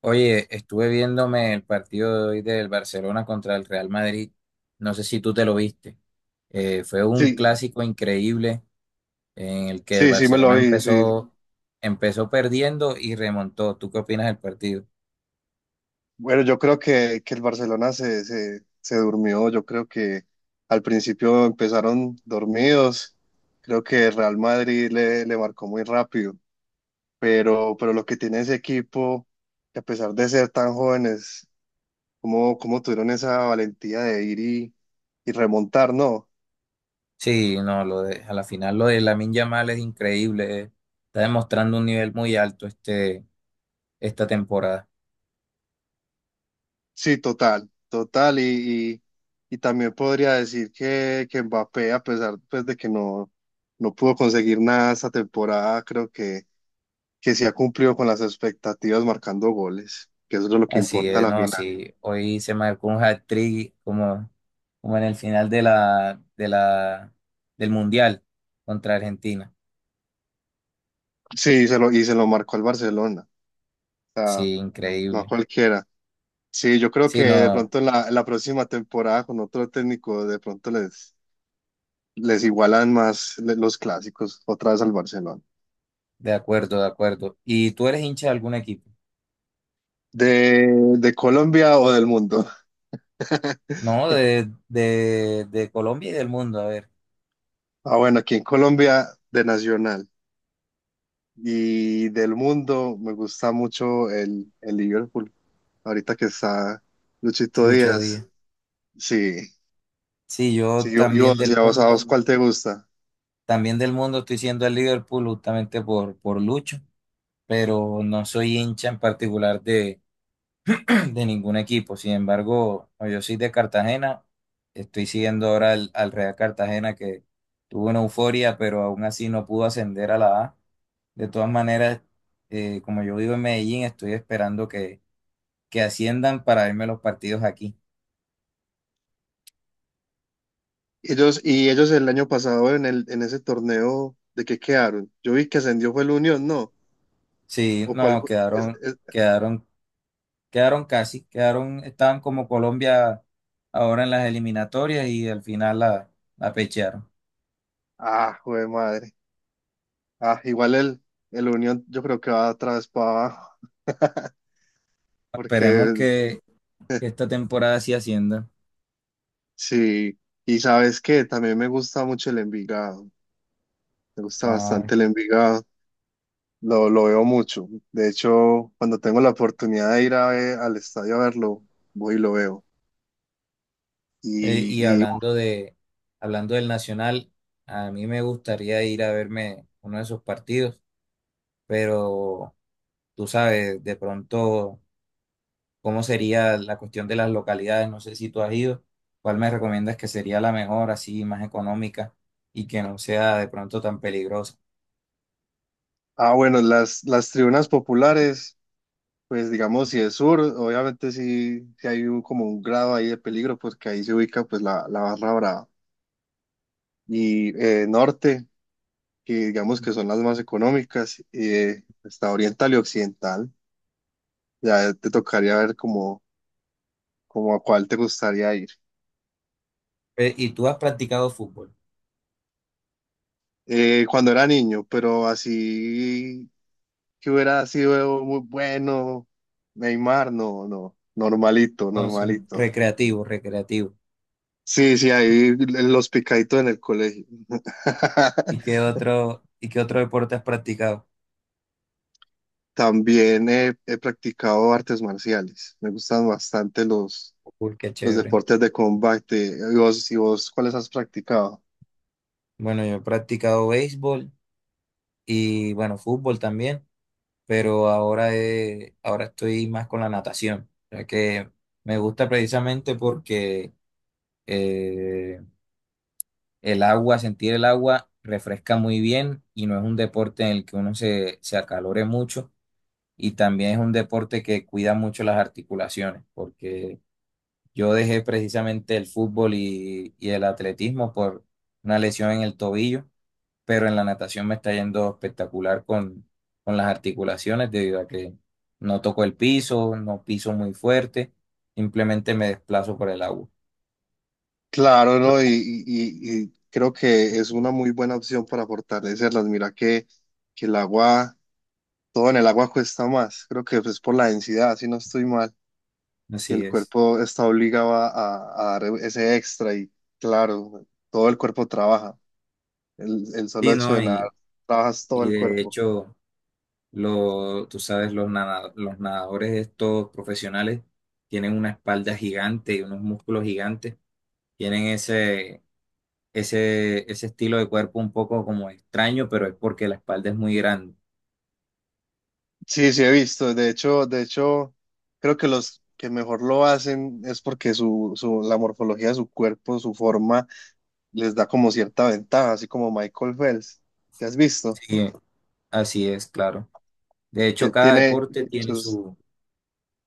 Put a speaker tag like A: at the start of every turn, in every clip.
A: Oye, estuve viéndome el partido de hoy del Barcelona contra el Real Madrid. No sé si tú te lo viste. Fue un
B: Sí,
A: clásico increíble en el que el
B: sí, sí, me lo
A: Barcelona
B: vi, sí.
A: empezó perdiendo y remontó. ¿Tú qué opinas del partido?
B: Bueno, yo creo que, el Barcelona se durmió, yo creo que al principio empezaron dormidos, creo que el Real Madrid le marcó muy rápido, pero lo que tiene ese equipo, que a pesar de ser tan jóvenes, cómo tuvieron esa valentía de ir y remontar, ¿no?
A: Sí, no, a la final lo de Lamine Yamal es increíble. Está demostrando un nivel muy alto esta temporada.
B: Sí, total, total. Y también podría decir que Mbappé, a pesar pues, de que no pudo conseguir nada esta temporada, creo que sí ha cumplido con las expectativas marcando goles, que eso es lo que
A: Así
B: importa a
A: es,
B: la
A: no,
B: final.
A: sí, hoy se marcó un hat-trick como, como en el final de del Mundial contra Argentina.
B: Y se lo marcó al Barcelona, o sea,
A: Sí,
B: no a
A: increíble.
B: cualquiera. Sí, yo creo que
A: Sí,
B: de
A: no,
B: pronto en en la próxima temporada con otro técnico, les igualan más los clásicos otra vez al Barcelona.
A: de acuerdo, de acuerdo. ¿Y tú eres hincha de algún equipo?
B: De, de Colombia o del mundo.
A: No, de Colombia y del mundo, a ver,
B: Ah, bueno, aquí en Colombia de Nacional y del mundo me gusta mucho el Liverpool. Ahorita que está Luchito
A: Lucho Díaz.
B: Díaz. Sí,
A: Sí, yo
B: sí, yo, y a vos, ¿cuál te gusta?
A: también del mundo estoy siendo el Liverpool justamente por Lucho, pero no soy hincha en particular de ningún equipo. Sin embargo, no, yo soy de Cartagena. Estoy siguiendo ahora al Real Cartagena que tuvo una euforia, pero aún así no pudo ascender a la A. De todas maneras, como yo vivo en Medellín, estoy esperando que asciendan para verme los partidos aquí.
B: Ellos, y ellos el año pasado en en ese torneo, ¿de qué quedaron? Yo vi que ascendió fue el Unión, ¿no?
A: Sí,
B: ¿O cuál
A: no,
B: fue?
A: quedaron, quedaron casi, quedaron, estaban como Colombia ahora en las eliminatorias y al final la pechearon.
B: Ah, joder, madre. Ah, igual el Unión yo creo que va otra vez para abajo,
A: Esperemos
B: porque
A: que esta temporada sí ascienda.
B: sí. Y sabes qué, también me gusta mucho el Envigado. Me gusta
A: Ah.
B: bastante el Envigado, lo veo mucho. De hecho, cuando tengo la oportunidad de ir a al estadio a verlo, voy y lo veo.
A: Eh, y
B: Y, y
A: hablando de, hablando del Nacional, a mí me gustaría ir a verme uno de esos partidos, pero tú sabes de pronto cómo sería la cuestión de las localidades, no sé si tú has ido, cuál me recomiendas que sería la mejor, así más económica y que no sea de pronto tan peligrosa.
B: ah, bueno, las tribunas populares, pues digamos, si es sur, obviamente sí, sí hay como un grado ahí de peligro, porque ahí se ubica pues la barra brava. Y norte, que digamos que son las más económicas, está oriental y occidental. Ya te tocaría ver como a cuál te gustaría ir.
A: ¿Y tú has practicado fútbol?
B: Cuando era niño, pero así que hubiera sido muy bueno, Neymar, no, no, normalito,
A: No, son
B: normalito.
A: recreativo, recreativo.
B: Sí, sí, ahí los picaditos en el colegio.
A: ¿Y qué otro deporte has practicado?
B: También he practicado artes marciales. Me gustan bastante
A: Uy, qué
B: los
A: chévere.
B: deportes de combate. Y vos cuáles has practicado?
A: Bueno, yo he practicado béisbol y bueno, fútbol también, pero ahora, ahora estoy más con la natación, ya que me gusta precisamente porque eh, el agua, sentir el agua refresca muy bien y no es un deporte en el que uno se acalore mucho y también es un deporte que cuida mucho las articulaciones, porque yo dejé precisamente el fútbol y el atletismo por una lesión en el tobillo, pero en la natación me está yendo espectacular con las articulaciones debido a que no toco el piso, no piso muy fuerte, simplemente me desplazo por el agua.
B: Claro, ¿no? Y creo que es una muy buena opción para fortalecerlas. Mira que el agua todo en el agua cuesta más, creo que es por la densidad, si no estoy mal, que
A: Así
B: el
A: es.
B: cuerpo está obligado a dar ese extra y claro, todo el cuerpo trabaja, el solo
A: Sí,
B: hecho
A: ¿no?
B: de nadar,
A: Y,
B: trabajas todo
A: y
B: el
A: de
B: cuerpo.
A: hecho, tú sabes, los, nada- los nadadores estos profesionales tienen una espalda gigante y unos músculos gigantes, tienen ese estilo de cuerpo un poco como extraño, pero es porque la espalda es muy grande.
B: Sí, sí he visto, de hecho, creo que los que mejor lo hacen es porque la morfología de su cuerpo, su forma, les da como cierta ventaja, así como Michael Phelps, ¿que has visto?
A: Sí, así es, claro. De
B: Que
A: hecho,
B: él
A: cada
B: tiene
A: deporte tiene
B: sus...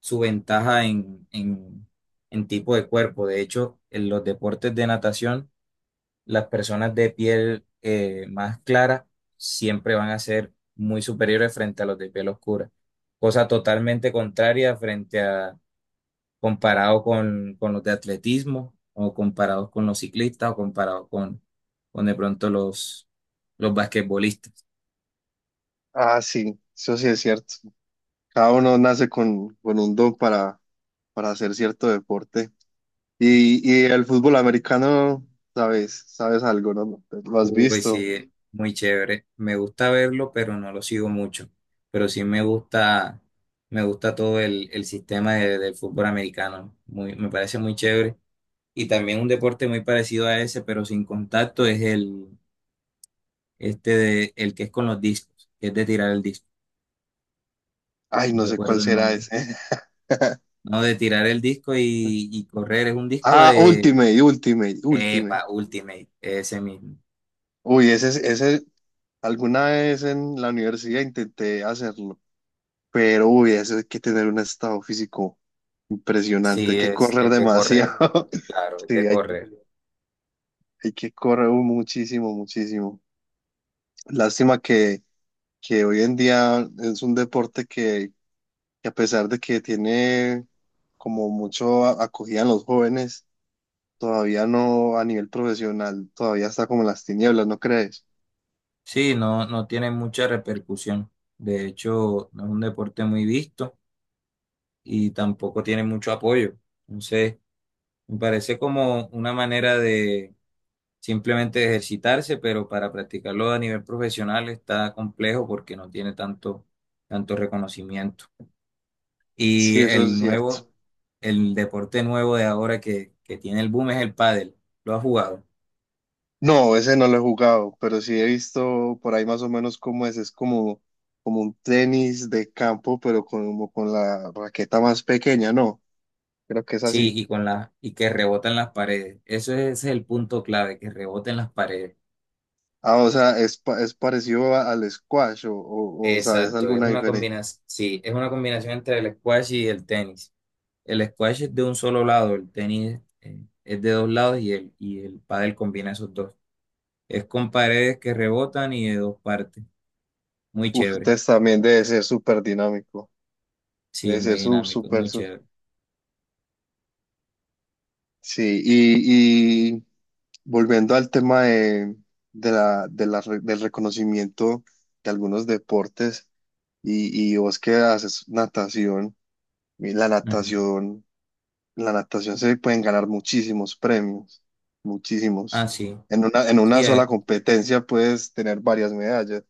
A: su ventaja en tipo de cuerpo. De hecho, en los deportes de natación, las personas de piel más clara siempre van a ser muy superiores frente a los de piel oscura. Cosa totalmente contraria frente a comparado con los de atletismo o comparados con los ciclistas o comparados con de pronto los basquetbolistas.
B: Ah, sí, eso sí es cierto. Cada uno nace con un don para hacer cierto deporte. El fútbol americano, sabes, sabes algo, ¿no? ¿Lo has
A: Uy,
B: visto?
A: sí, muy chévere. Me gusta verlo, pero no lo sigo mucho. Pero sí me gusta todo el del fútbol americano. Me parece muy chévere. Y también un deporte muy parecido a ese, pero sin contacto, es el que es con los discos, que es de tirar el disco.
B: Ay,
A: No
B: no sé cuál
A: recuerdo el
B: será
A: nombre.
B: ese.
A: No, de tirar el disco y correr. Es un disco
B: Ah,
A: de,
B: Ultimate, Ultimate, Ultimate.
A: epa, Ultimate, ese mismo.
B: Ese, alguna vez en la universidad intenté hacerlo, pero uy, eso hay que tener un estado físico impresionante, hay
A: Sí,
B: que correr
A: es de correr.
B: demasiado.
A: Claro, es de
B: Sí,
A: correr.
B: hay que correr muchísimo, muchísimo. Lástima que hoy en día es un deporte que a pesar de que tiene como mucho acogida en los jóvenes, todavía no a nivel profesional, todavía está como en las tinieblas, ¿no crees?
A: Sí, no, no tiene mucha repercusión. De hecho, no es un deporte muy visto y tampoco tiene mucho apoyo. Entonces, me parece como una manera de simplemente ejercitarse, pero para practicarlo a nivel profesional está complejo porque no tiene tanto reconocimiento. Y
B: Sí, eso
A: el
B: es cierto.
A: nuevo, el deporte nuevo de ahora que tiene el boom es el pádel. ¿Lo has jugado?
B: No, ese no lo he jugado, pero sí he visto por ahí más o menos cómo es como, como un tenis de campo, pero como con la raqueta más pequeña, ¿no? Creo que es
A: Sí,
B: así.
A: y que rebotan las paredes. Eso es, ese es el punto clave, que reboten las paredes.
B: Ah, o sea, es parecido al squash o, ¿sabes
A: Exacto, es
B: alguna
A: una
B: diferencia?
A: combinación, sí, es una combinación entre el squash y el tenis. El squash es de un solo lado, el tenis es de dos lados y el pádel combina esos dos. Es con paredes que rebotan y de dos partes. Muy
B: Uf,
A: chévere.
B: entonces también debe ser súper dinámico,
A: Sí, es
B: debe ser
A: muy dinámico, es
B: súper,
A: muy chévere.
B: sí, y volviendo al tema de de la del reconocimiento de algunos deportes, y vos que haces natación, y
A: Ujú.
B: la natación se pueden ganar muchísimos premios,
A: Ah,
B: muchísimos.
A: sí,
B: En una
A: sí,
B: sola competencia puedes tener varias medallas.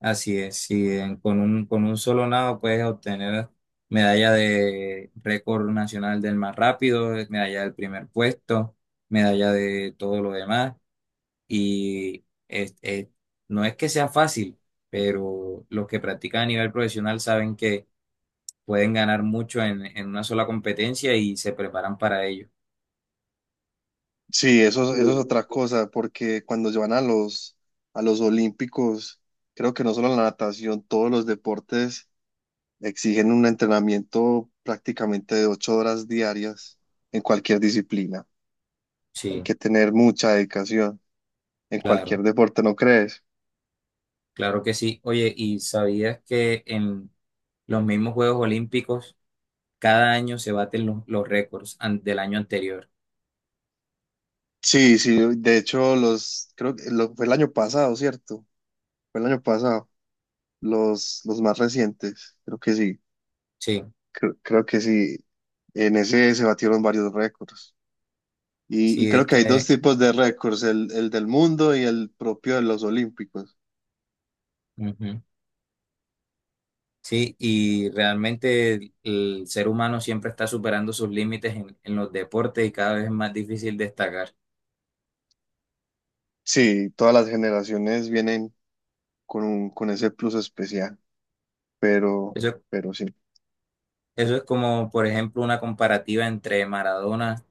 A: así es. Sí, con con un solo nado puedes obtener medalla de récord nacional del más rápido, medalla del primer puesto, medalla de todo lo demás. y es- es- no es que sea fácil, pero los que practican a nivel profesional saben que pueden ganar mucho en una sola competencia y se preparan para ello.
B: Sí, eso, eso es otra cosa, porque cuando se van a los olímpicos, creo que no solo la natación, todos los deportes exigen un entrenamiento prácticamente de 8 horas diarias en cualquier disciplina. Hay
A: Sí,
B: que tener mucha dedicación en cualquier
A: claro,
B: deporte, ¿no crees?
A: claro que sí. Oye, ¿y sabías que en los mismos Juegos Olímpicos cada año se baten los del año anterior?
B: Sí, sí, de hecho, los, creo que fue el año pasado, ¿cierto? Fue el año pasado, los más recientes, creo que sí,
A: Sí,
B: creo que sí. En ese se batieron varios récords. Y
A: sí,
B: creo que hay dos tipos de récords, el del mundo y el propio de los olímpicos.
A: ujú. Sí, y realmente el ser humano siempre está superando sus límites en los deportes y cada vez es más difícil destacar.
B: Sí, todas las generaciones vienen con un, con ese plus especial, pero,
A: Eso,
B: pero sí,
A: eso es como, por ejemplo, una comparativa entre Maradona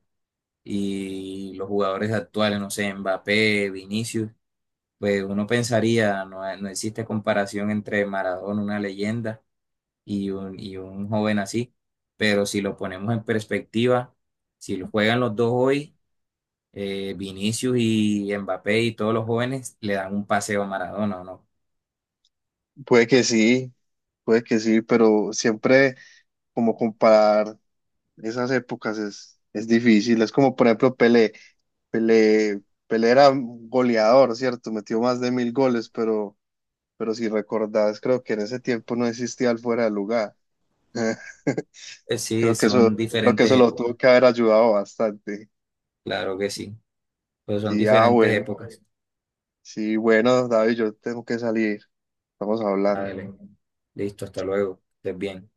A: y los jugadores actuales, no sé, Mbappé, Vinicius. Pues uno pensaría, no, no existe comparación entre Maradona, una leyenda, y un joven así. Pero si lo ponemos en perspectiva, si lo juegan los dos hoy, Vinicius y Mbappé y todos los jóvenes le dan un paseo a Maradona, ¿o ¿no?
B: puede que sí, puede que sí, pero siempre como comparar esas épocas es difícil. Es como, por ejemplo, Pelé. Pelé, Pelé era un goleador, ¿cierto? Metió más de 1000 goles, pero si recordás, creo que en ese tiempo no existía el fuera de lugar.
A: Sí, son
B: Creo que eso
A: diferentes
B: lo
A: épocas,
B: tuvo que haber ayudado bastante.
A: claro que sí, pero son
B: Sí, ah,
A: diferentes
B: bueno.
A: épocas.
B: Sí, bueno, David, yo tengo que salir. Estamos hablando.
A: Dale. Listo, hasta luego, estés bien.